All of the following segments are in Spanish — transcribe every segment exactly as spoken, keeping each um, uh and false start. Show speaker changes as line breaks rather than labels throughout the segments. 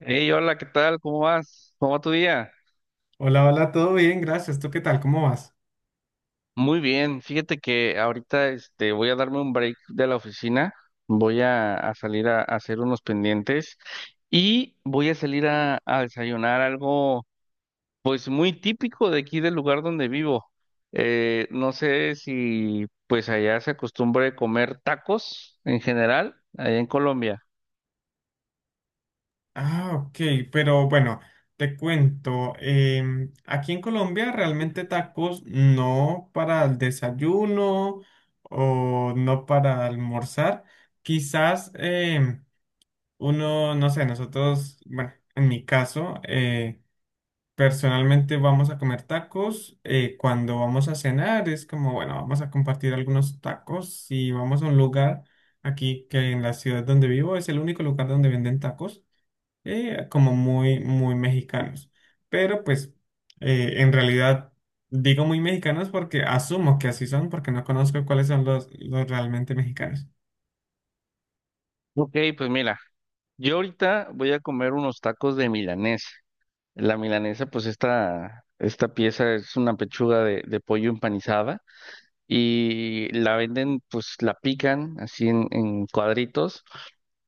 Hey, hola, ¿qué tal? ¿Cómo vas? ¿Cómo va tu día?
Hola, hola, todo bien, gracias. ¿Tú qué tal? ¿Cómo vas?
Muy bien, fíjate que ahorita este, voy a darme un break de la oficina, voy a, a salir a, a hacer unos pendientes y voy a salir a, a desayunar algo pues muy típico de aquí del lugar donde vivo. Eh, no sé si pues allá se acostumbre comer tacos en general, allá en Colombia.
Ah, ok, pero bueno, te cuento, em, aquí en Colombia realmente tacos no para el desayuno o no para almorzar. Quizás, em, uno, no sé, nosotros, bueno, en mi caso, eh, personalmente vamos a comer tacos. Eh, cuando vamos a cenar es como, bueno, vamos a compartir algunos tacos y vamos a un lugar aquí que en la ciudad donde vivo es el único lugar donde venden tacos, eh, como muy, muy mexicanos. Pero pues eh, en realidad digo muy mexicanos porque asumo que así son porque no conozco cuáles son los, los realmente mexicanos.
Ok, pues mira, yo ahorita voy a comer unos tacos de milanesa. La milanesa, pues esta, esta pieza es una pechuga de, de pollo empanizada y la venden, pues la pican así en, en cuadritos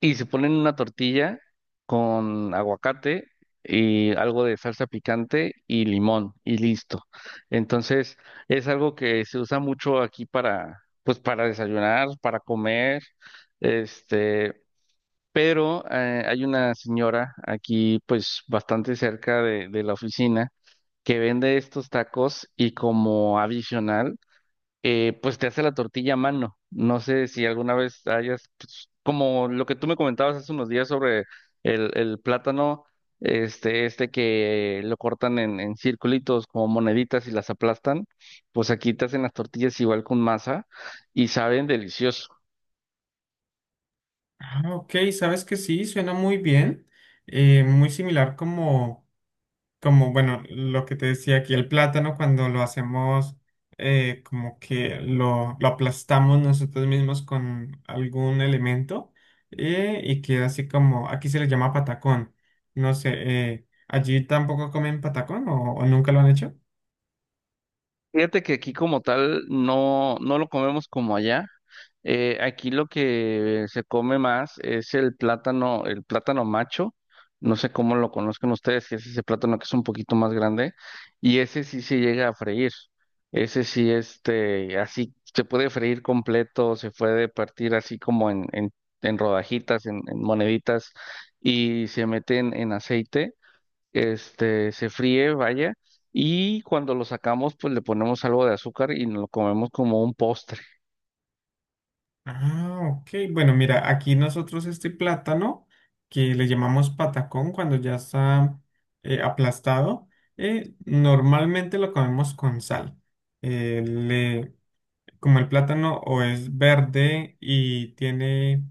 y se ponen una tortilla con aguacate y algo de salsa picante y limón y listo. Entonces es algo que se usa mucho aquí para, pues para desayunar, para comer, este pero eh, hay una señora aquí, pues bastante cerca de, de la oficina, que vende estos tacos y como adicional, eh, pues te hace la tortilla a mano. No sé si alguna vez hayas, pues, como lo que tú me comentabas hace unos días sobre el, el plátano, este, este que lo cortan en, en circulitos como moneditas y las aplastan, pues aquí te hacen las tortillas igual con masa y saben delicioso.
Ah, ok, sabes que sí, suena muy bien. Eh, muy similar como como bueno, lo que te decía aquí, el plátano cuando lo hacemos, eh, como que lo, lo aplastamos nosotros mismos con algún elemento, eh, y queda así como, aquí se le llama patacón. No sé, eh, ¿allí tampoco comen patacón o, o nunca lo han hecho?
Fíjate que aquí como tal no, no lo comemos como allá. Eh, aquí lo que se come más es el plátano, el plátano macho. No sé cómo lo conozcan ustedes, si es ese plátano que es un poquito más grande. Y ese sí se llega a freír. Ese sí, este, así se puede freír completo, se puede partir así como en, en, en rodajitas, en, en moneditas, y se mete en en aceite este, se fríe, vaya, y cuando lo sacamos, pues le ponemos algo de azúcar y nos lo comemos como un postre.
Ah, ok. Bueno, mira, aquí nosotros este plátano que le llamamos patacón cuando ya está eh, aplastado, eh, normalmente lo comemos con sal. Eh, le, como el plátano o es verde y tiene,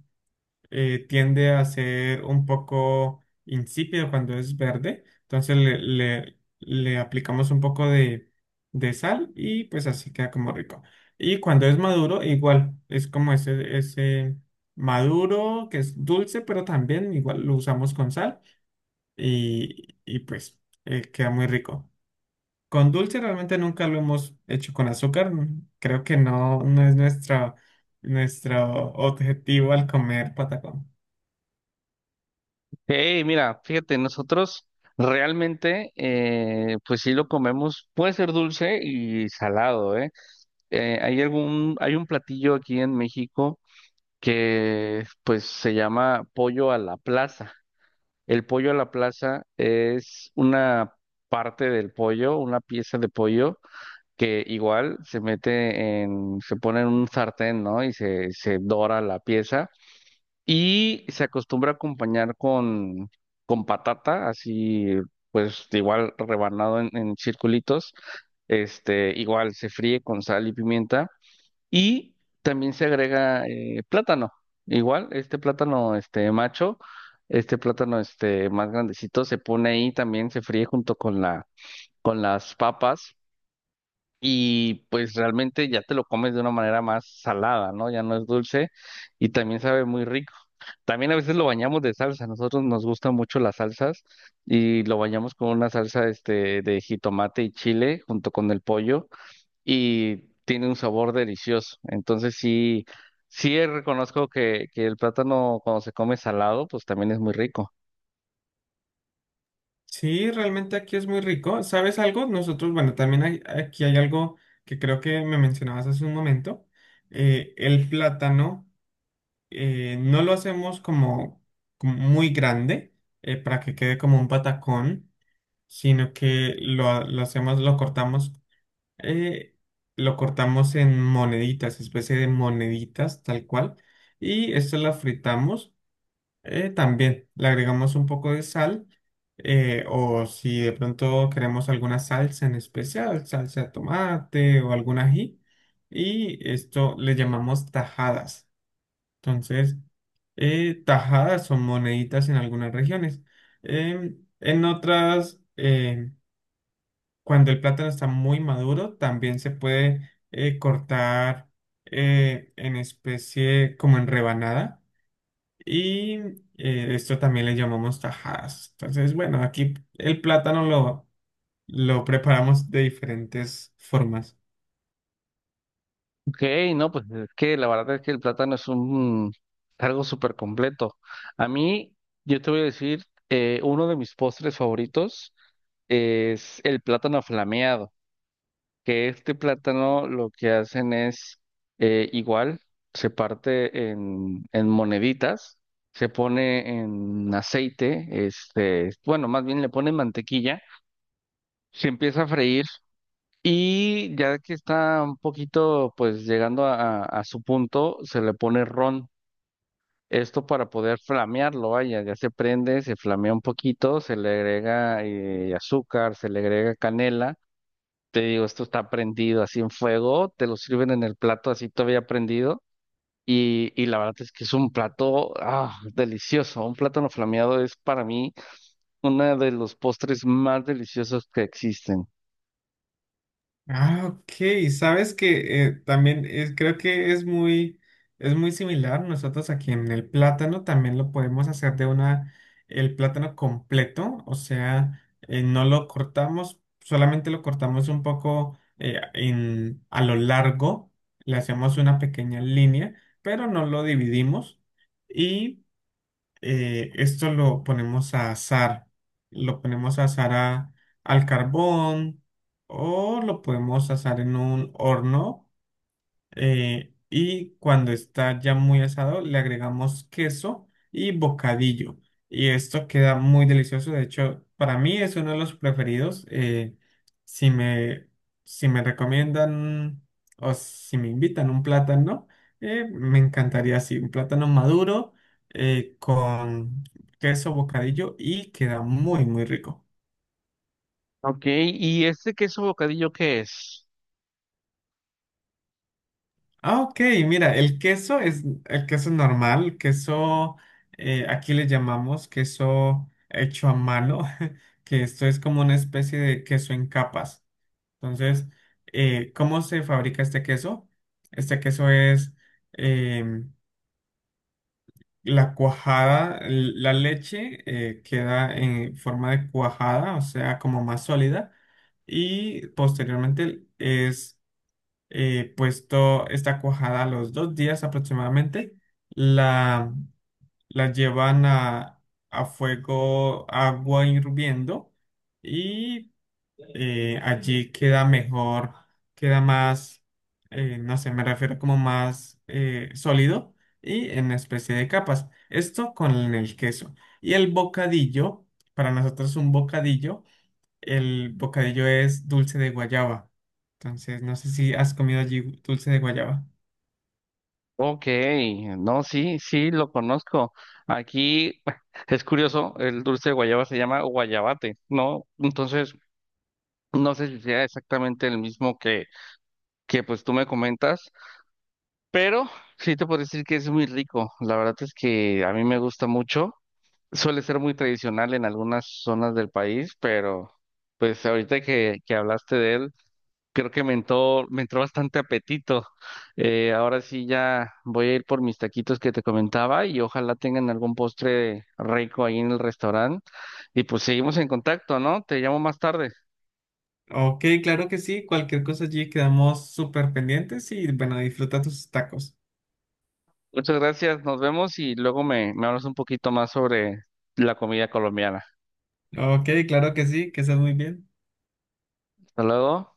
eh, tiende a ser un poco insípido cuando es verde. Entonces le, le- le aplicamos un poco de, de sal y pues así queda como rico. Y cuando es maduro, igual, es como ese, ese maduro que es dulce, pero también igual lo usamos con sal y, y pues eh, queda muy rico. Con dulce realmente nunca lo hemos hecho con azúcar. mm, Creo que no, no es nuestra, nuestro objetivo al comer patacón.
Hey, mira, fíjate, nosotros realmente, eh, pues sí lo comemos, puede ser dulce y salado, ¿eh? Eh, hay algún, hay un platillo aquí en México que, pues, se llama pollo a la plaza. El pollo a la plaza es una parte del pollo, una pieza de pollo que igual se mete en, se pone en un sartén, ¿no? Y se, se dora la pieza y se acostumbra a acompañar con, con patata, así pues igual rebanado en, en circulitos, este, igual se fríe con sal y pimienta y también se agrega eh, plátano, igual este plátano este macho, este plátano este más grandecito se pone ahí también, se fríe junto con la, con las papas y pues realmente ya te lo comes de una manera más salada, ¿no? Ya no es dulce y también sabe muy rico. También a veces lo bañamos de salsa, nosotros nos gustan mucho las salsas y lo bañamos con una salsa este de jitomate y chile junto con el pollo y tiene un sabor delicioso. Entonces sí, sí reconozco que, que el plátano cuando se come salado, pues también es muy rico.
Sí, realmente aquí es muy rico. ¿Sabes algo? Nosotros, bueno, también hay- aquí hay algo que creo que me mencionabas hace un momento. Eh, el plátano, eh, no lo hacemos como, como muy grande, eh, para que quede como un patacón, sino que lo, lo hacemos, lo cortamos. eh, lo cortamos en moneditas, especie de moneditas, tal cual. Y esto la fritamos, eh, también. Le agregamos un poco de sal. Eh, o si de pronto queremos alguna salsa en especial, salsa de tomate o algún ají. Y esto le llamamos tajadas. Entonces, eh, tajadas son moneditas en algunas regiones. Em, en otras, em, cuando el plátano está muy maduro, también se puede eh, cortar eh, en especie como en rebanada. Y eh, esto también le llamamos tajadas. Entonces, bueno, aquí el plátano lo, lo preparamos de diferentes formas.
Ok, no, pues es que la verdad es que el plátano es un algo súper completo. A mí, yo te voy a decir, eh, uno de mis postres favoritos es el plátano flameado, que este plátano lo que hacen es eh, igual, se parte en, en moneditas, se pone en aceite, este, bueno, más bien le ponen mantequilla, se empieza a freír y ya que está un poquito, pues llegando a, a- a su punto, se le pone ron. Esto para poder flamearlo, vaya, ya se prende, se flamea un poquito, se le agrega eh, azúcar, se le agrega canela. Te digo, esto está prendido así en fuego, te lo sirven en el plato así todavía prendido. Y, y la verdad es que es un plato ah, delicioso. Un plátano flameado es para mí uno de los postres más deliciosos que existen.
Ah, ok. Sabes que eh, también es- creo que es muy, es muy similar. Nosotros aquí en el plátano también lo podemos hacer de una, el plátano completo, o sea, eh, no lo cortamos, solamente lo cortamos un poco, eh, en, a lo largo, le hacemos una pequeña línea, pero no lo dividimos. Y eh, esto lo ponemos a asar, lo ponemos a asar a- al carbón o lo podemos asar en un horno, eh, y cuando está ya muy asado, le agregamos queso y bocadillo. Y esto queda muy delicioso. De hecho, para mí es uno de los preferidos. Eh, si me, si me recomiendan o si me invitan un plátano, eh, me encantaría así, un plátano maduro eh, con queso, bocadillo y queda muy, muy rico.
Ok, ¿y este queso bocadillo qué es?
Ah, ok, mira, el queso es el queso normal, queso, eh, aquí le llamamos queso hecho a mano, que esto es como una especie de queso en capas. Entonces, eh, ¿cómo se fabrica este queso? Este queso es em, la cuajada, l- la leche eh, queda en forma de cuajada, o sea, como más sólida, y posteriormente es eh, puesto esta cuajada a los dos días aproximadamente, la, la llevan a, a fuego, agua hirviendo y eh, allí queda mejor, queda más, eh, no sé, me refiero como más eh, sólido y en especie de capas. Esto con el queso. Y el bocadillo, para nosotros un bocadillo. El bocadillo es dulce de guayaba. Entonces, no sé si has comido allí dulce de guayaba.
Ok, no, sí, sí, lo conozco. Aquí es curioso, el dulce de guayaba se llama guayabate, ¿no? Entonces, no sé si sea exactamente el mismo que, que pues tú me comentas, pero sí te puedo decir que es muy rico. La verdad es que a mí me gusta mucho. Suele ser muy tradicional en algunas zonas del país, pero pues ahorita que, que hablaste de él, creo que me entró, me entró bastante apetito. Eh, ahora sí ya voy a ir por mis taquitos que te comentaba y ojalá tengan algún postre rico ahí en el restaurante. Y pues seguimos en contacto, ¿no? Te llamo más tarde.
Ok, claro que sí. Cualquier cosa allí quedamos súper pendientes y bueno, disfruta tus tacos.
Muchas gracias, nos vemos y luego me, me hablas un poquito más sobre la comida colombiana.
Ok, claro que sí, que estés muy bien.
Hasta luego.